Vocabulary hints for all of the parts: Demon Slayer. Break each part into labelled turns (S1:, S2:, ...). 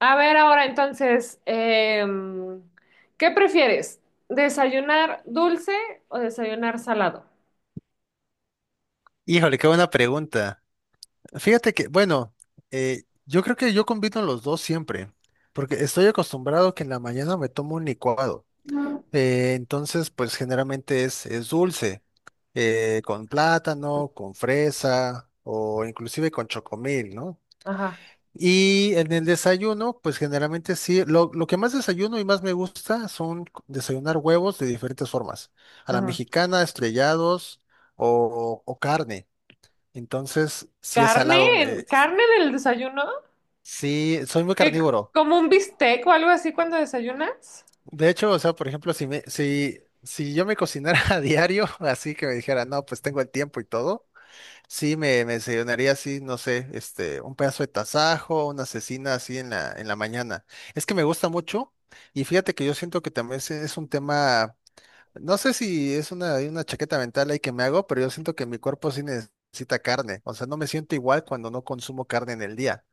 S1: A ver ahora entonces, ¿qué prefieres? ¿Desayunar dulce o desayunar salado?
S2: Híjole, qué buena pregunta. Fíjate que, bueno, yo creo que yo combino los dos siempre, porque estoy acostumbrado que en la mañana me tomo un licuado. Entonces, pues generalmente es dulce, con plátano, con fresa o inclusive con chocomil, ¿no?
S1: Ajá,
S2: Y en el desayuno, pues generalmente sí, lo que más desayuno y más me gusta son desayunar huevos de diferentes formas, a la
S1: ajá.
S2: mexicana, estrellados o carne. Entonces, sí es salado.
S1: ¿Carne? ¿Carne en el desayuno?
S2: Sí, soy muy
S1: ¿Qué-
S2: carnívoro.
S1: como un bistec o algo así cuando desayunas?
S2: De hecho, o sea, por ejemplo, si yo me cocinara a diario, así que me dijera, no, pues tengo el tiempo y todo, sí me desayunaría así, no sé, este, un pedazo de tasajo, una cecina así en en la mañana. Es que me gusta mucho, y fíjate que yo siento que también es un tema, no sé si es una chaqueta mental ahí que me hago, pero yo siento que mi cuerpo sí necesita carne. O sea, no me siento igual cuando no consumo carne en el día.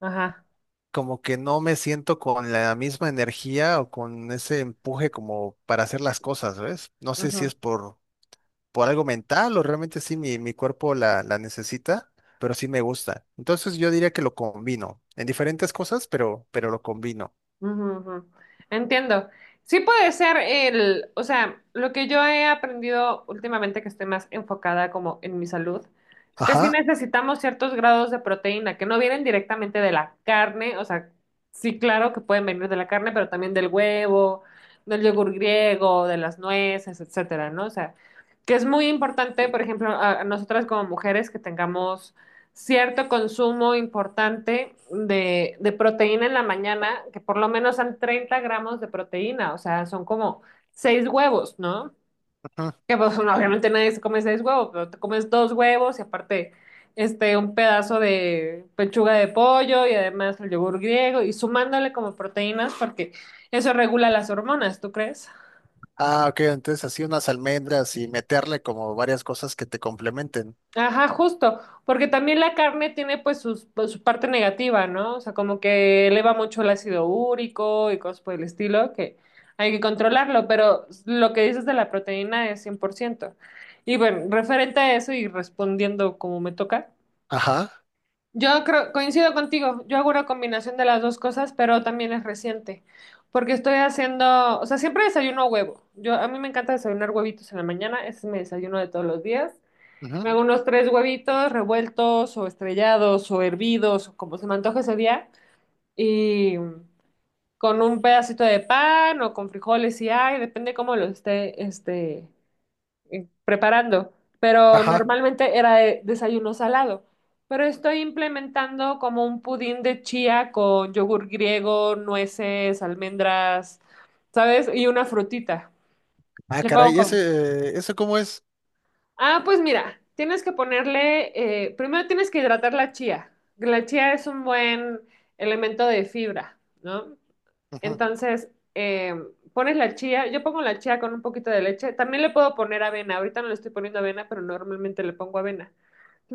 S1: Ajá.
S2: Como que no me siento con la misma energía o con ese empuje como para hacer las cosas, ¿ves? No sé si es por algo mental o realmente sí mi cuerpo la necesita, pero sí me gusta. Entonces yo diría que lo combino en diferentes cosas, pero lo combino.
S1: Ujú, ujú. Entiendo. Sí puede ser el, o sea, lo que yo he aprendido últimamente que estoy más enfocada como en mi salud, es que
S2: Ajá.
S1: sí necesitamos ciertos grados de proteína que no vienen directamente de la carne, o sea, sí, claro que pueden venir de la carne, pero también del huevo, del yogur griego, de las nueces, etcétera, ¿no? O sea, que es muy importante, por ejemplo, a nosotras como mujeres que tengamos cierto consumo importante de proteína en la mañana, que por lo menos son 30 gramos de proteína, o sea, son como seis huevos, ¿no?
S2: Ujú.
S1: Que pues, bueno, obviamente nadie se come seis huevos, pero te comes dos huevos y aparte este, un pedazo de pechuga de pollo y además el yogur griego y sumándole como proteínas porque eso regula las hormonas, ¿tú crees?
S2: Ah, ok, entonces así unas almendras y meterle como varias cosas que te complementen.
S1: Ajá, justo, porque también la carne tiene pues, su parte negativa, ¿no? O sea, como que eleva mucho el ácido úrico y cosas por el estilo, que hay que controlarlo, pero lo que dices de la proteína es 100%. Y bueno, referente a eso y respondiendo como me toca,
S2: Ajá.
S1: yo creo, coincido contigo, yo hago una combinación de las dos cosas, pero también es reciente, porque estoy haciendo, o sea, siempre desayuno huevo. Yo, a mí me encanta desayunar huevitos en la mañana, ese es mi desayuno de todos los días.
S2: Ujú.
S1: Me hago unos tres huevitos revueltos o estrellados o hervidos o como se me antoje ese día y con un pedacito de pan o con frijoles si hay, depende cómo lo esté este, preparando. Pero
S2: Ajá.
S1: normalmente era desayuno salado. Pero estoy implementando como un pudín de chía con yogur griego, nueces, almendras, ¿sabes? Y una frutita.
S2: Ah,
S1: Le pongo
S2: caray,
S1: como.
S2: ese, ¿eso cómo es?
S1: Ah, pues mira, tienes que ponerle, primero tienes que hidratar la chía. La chía es un buen elemento de fibra, ¿no?
S2: Ujú.
S1: Entonces, eh, pones la chía, yo pongo la chía con un poquito de leche, también le puedo poner avena, ahorita no le estoy poniendo avena, pero normalmente le pongo avena.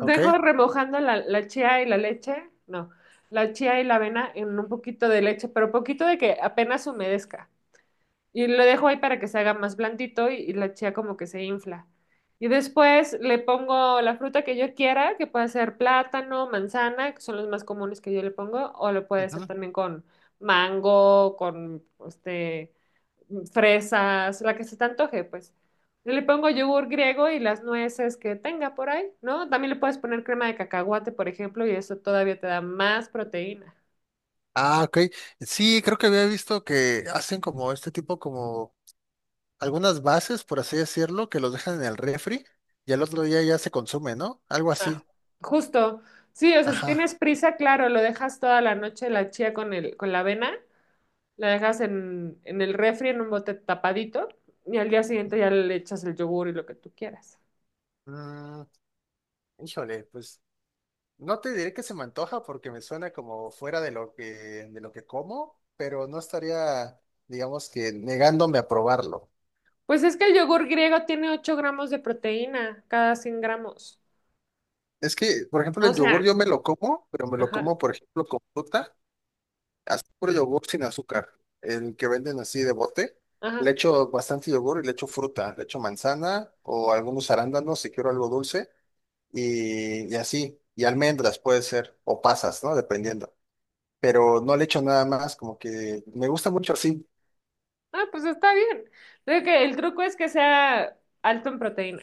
S2: Ok.
S1: remojando la chía y la leche, no, la chía y la avena en un poquito de leche, pero poquito de que apenas humedezca. Y lo dejo ahí para que se haga más blandito y la chía como que se infla. Y después le pongo la fruta que yo quiera, que puede ser plátano, manzana, que son los más comunes que yo le pongo, o lo puede hacer
S2: Ujú.
S1: también con mango, con este, fresas, la que se te antoje, pues. Yo le pongo yogur griego y las nueces que tenga por ahí, ¿no? También le puedes poner crema de cacahuate, por ejemplo, y eso todavía te da más proteína.
S2: Ah, ok. Sí, creo que había visto que hacen como este tipo, como algunas bases, por así decirlo, que los dejan en el refri y al otro día ya se consume, ¿no? Algo
S1: Ah,
S2: así.
S1: justo. Sí, o sea, si
S2: Ajá.
S1: tienes prisa, claro, lo dejas toda la noche la chía con el, con la avena, la dejas en el refri en un bote tapadito y al día siguiente ya le echas el yogur y lo que tú quieras.
S2: Mm, híjole, pues no te diré que se me antoja porque me suena como fuera de lo que como, pero no estaría, digamos que, negándome a probarlo.
S1: Pues es que el yogur griego tiene 8 gramos de proteína cada 100 gramos.
S2: Es que, por ejemplo,
S1: O
S2: el
S1: sea,
S2: yogur yo me lo como, pero me lo
S1: ajá,
S2: como, por ejemplo, con fruta. Haz puro yogur sin azúcar, el que venden así de bote.
S1: ajá.
S2: Le echo bastante yogur y le echo fruta, le echo manzana o algunos arándanos si quiero algo dulce y así. Y almendras puede ser, o pasas, ¿no? Dependiendo. Pero no le echo nada más, como que me gusta mucho así.
S1: Ah, pues está bien. Creo que el truco es que sea alto en proteína.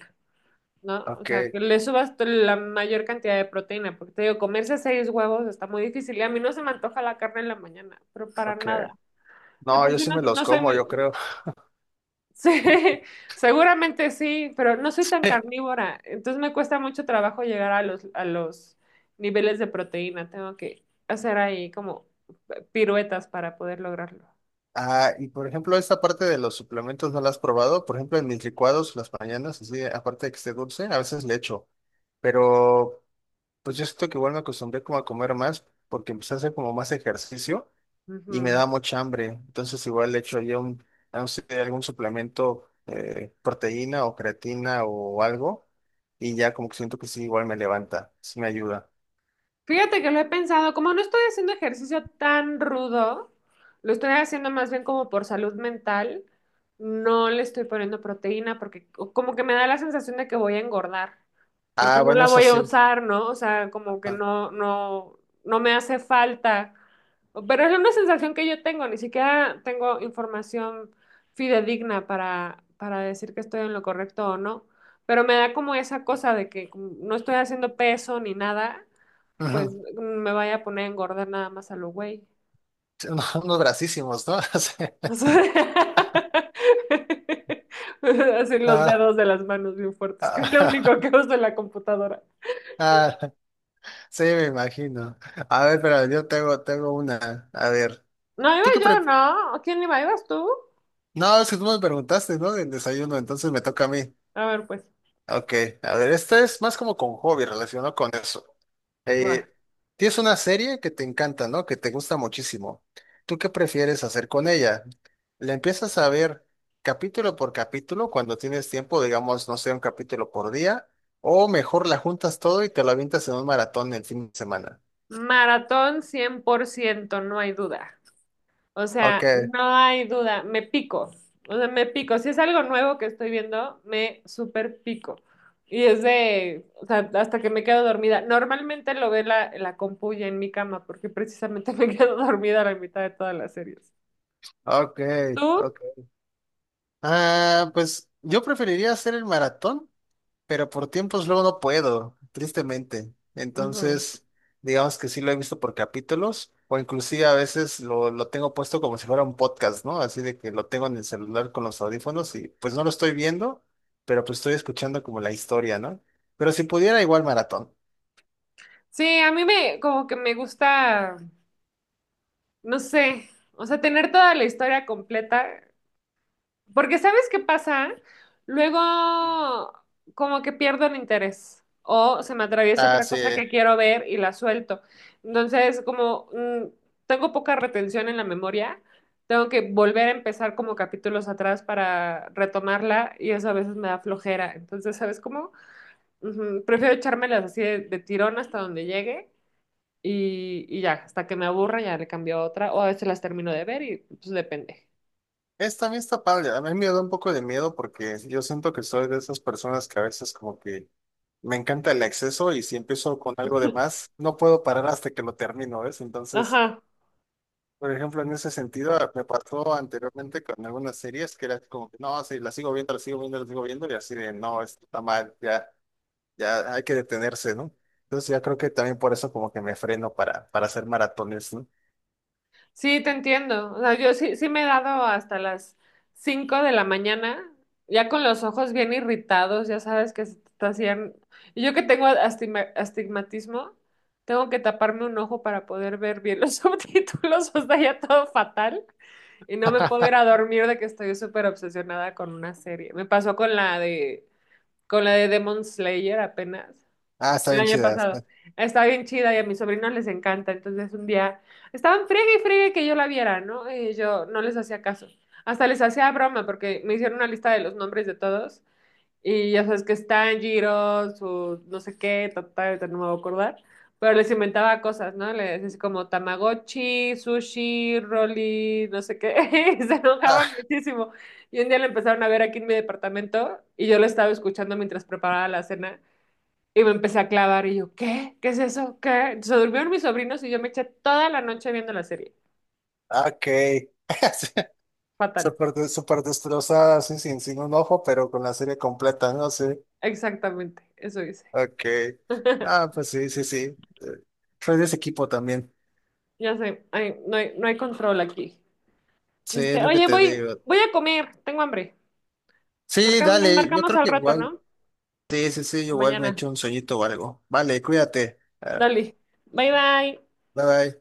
S1: ¿No? O
S2: Ok,
S1: sea, que le subas la mayor cantidad de proteína, porque te digo, comerse seis huevos está muy difícil y a mí no se me antoja la carne en la mañana, pero para
S2: ok.
S1: nada. De
S2: No,
S1: por
S2: yo
S1: sí
S2: sí
S1: no,
S2: me los
S1: no soy
S2: como,
S1: muy.
S2: yo creo.
S1: Sí, seguramente sí, pero no soy tan carnívora, entonces me cuesta mucho trabajo llegar a los niveles de proteína, tengo que hacer ahí como piruetas para poder lograrlo.
S2: Ah, y por ejemplo, esta parte de los suplementos no la has probado. Por ejemplo, en mis licuados las mañanas, así, aparte de que esté dulce, a veces le echo. Pero pues yo siento que igual me acostumbré como a comer más porque empecé a hacer como más ejercicio y me
S1: Ujú.
S2: da mucha hambre. Entonces igual le echo yo un, no sé, algún suplemento, proteína o creatina o algo y ya como que siento que sí, igual me levanta, sí me ayuda.
S1: Fíjate que lo he pensado, como no estoy haciendo ejercicio tan rudo, lo estoy haciendo más bien como por salud mental, no le estoy poniendo proteína porque como que me da la sensación de que voy a engordar, porque
S2: Ah,
S1: no
S2: bueno,
S1: la
S2: eso
S1: voy a
S2: sí.
S1: usar, ¿no? O sea, como que
S2: Ah,
S1: no, no, no me hace falta. Pero es una sensación que yo tengo, ni siquiera tengo información fidedigna para decir que estoy en lo correcto o no. Pero me da como esa cosa de que como no estoy haciendo peso ni nada pues
S2: ujú.
S1: me vaya a poner a engordar nada más a lo güey.
S2: Unos unos bracísimos, ¿no? Sí.
S1: O sea, así los
S2: Ah,
S1: dedos de las manos bien fuertes, que es lo
S2: ah,
S1: único que uso en la computadora.
S2: ah, sí, me imagino. A ver, pero yo tengo una. A ver,
S1: No, iba
S2: ¿tú qué
S1: yo, ¿no? ¿Quién iba? ¿Ibas tú?
S2: No, es que tú me preguntaste, ¿no? Del desayuno, entonces me toca a mí.
S1: A ver, pues,
S2: Ok, a ver, esta es más como con hobby relacionado con eso.
S1: va.
S2: Eh, Tienes una serie que te encanta, ¿no? Que te gusta muchísimo. ¿Tú qué prefieres hacer con ella? ¿La empiezas a ver capítulo por capítulo cuando tienes tiempo, digamos, no sé, un capítulo por día? ¿O mejor la juntas todo y te la avientas en un maratón el fin de semana?
S1: Maratón 100% no hay duda. O
S2: Ok,
S1: sea, no hay duda, me pico. O sea, me pico. Si es algo nuevo que estoy viendo, me super pico. Y es de, o sea, hasta que me quedo dormida. Normalmente lo ve la compu ya en mi cama, porque precisamente me quedo dormida a la mitad de todas las series.
S2: ok,
S1: ¿Tú?
S2: ok. Ah, pues yo preferiría hacer el maratón pero por tiempos luego no puedo, tristemente.
S1: Ujú.
S2: Entonces, digamos que sí lo he visto por capítulos, o inclusive a veces lo tengo puesto como si fuera un podcast, ¿no? Así de que lo tengo en el celular con los audífonos y pues no lo estoy viendo, pero pues estoy escuchando como la historia, ¿no? Pero si pudiera, igual maratón.
S1: Sí, a mí me, como que me gusta, no sé, o sea, tener toda la historia completa. Porque ¿sabes qué pasa? Luego como que pierdo el interés o se me atraviesa
S2: Ah,
S1: otra
S2: sí.
S1: cosa que quiero ver y la suelto. Entonces, como tengo poca retención en la memoria, tengo que volver a empezar como capítulos atrás para retomarla y eso a veces me da flojera. Entonces, ¿sabes cómo? Ujú. Prefiero echármelas así de tirón hasta donde llegue. Y ya, hasta que me aburra, ya le cambio a otra, o a veces las termino de ver y pues depende.
S2: También está padre. A mí me da un poco de miedo porque yo siento que soy de esas personas que a veces como que me encanta el exceso y si empiezo con algo de más, no puedo parar hasta que lo termino, ¿ves? Entonces,
S1: Ajá.
S2: por ejemplo, en ese sentido, ah, me pasó anteriormente con algunas series que era como que no, sí, la sigo viendo, la sigo viendo, la sigo viendo, y así de no, esto está mal, ya, ya hay que detenerse, ¿no? Entonces, ya creo que también por eso, como que me freno para hacer maratones, ¿no?
S1: Sí, te entiendo. O sea, yo sí, sí me he dado hasta las 5 de la mañana, ya con los ojos bien irritados, ya sabes que se te hacían. Y yo que tengo astigmatismo, tengo que taparme un ojo para poder ver bien los subtítulos, o sea, ya todo fatal. Y no me puedo ir a dormir de que estoy súper obsesionada con una serie. Me pasó con la de, Demon Slayer apenas.
S2: Ah, está
S1: El
S2: bien
S1: año
S2: chidas.
S1: pasado. Está bien chida y a mis sobrinos les encanta. Entonces un día estaban friegue y friegue que yo la viera, ¿no? Y yo no les hacía caso. Hasta les hacía broma porque me hicieron una lista de los nombres de todos. Y ya sabes que están Giros, su no sé qué, total, no me voy a acordar. Pero les inventaba cosas, ¿no? Les decía como Tamagotchi, sushi, Rolly, no sé qué. Y se enojaban
S2: Ah,
S1: muchísimo. Y un día lo empezaron a ver aquí en mi departamento y yo lo estaba escuchando mientras preparaba la cena. Y me empecé a clavar y yo, ¿qué? ¿Qué es eso? ¿Qué? Se durmieron mis sobrinos y yo me eché toda la noche viendo la serie.
S2: ok. Sí,
S1: Fatal.
S2: súper, súper destrozada, así, sin un ojo, pero con la serie completa, ¿no? Sí.
S1: Exactamente, eso hice.
S2: Ok. Ah, pues sí, sí, sí. Eh, soy de ese equipo también.
S1: Ya sé, ay, no hay, no hay control aquí.
S2: Sí, es
S1: Este,
S2: lo que
S1: oye,
S2: te
S1: voy,
S2: digo.
S1: voy a comer, tengo hambre.
S2: Sí,
S1: Nos
S2: dale, yo
S1: marcamos
S2: creo
S1: al
S2: que
S1: rato,
S2: igual.
S1: ¿no?
S2: Sí, sí, sí, igual me
S1: Mañana.
S2: echo un sueñito o algo. Vale, cuídate. Ah,
S1: Dale. Bye bye.
S2: bye bye.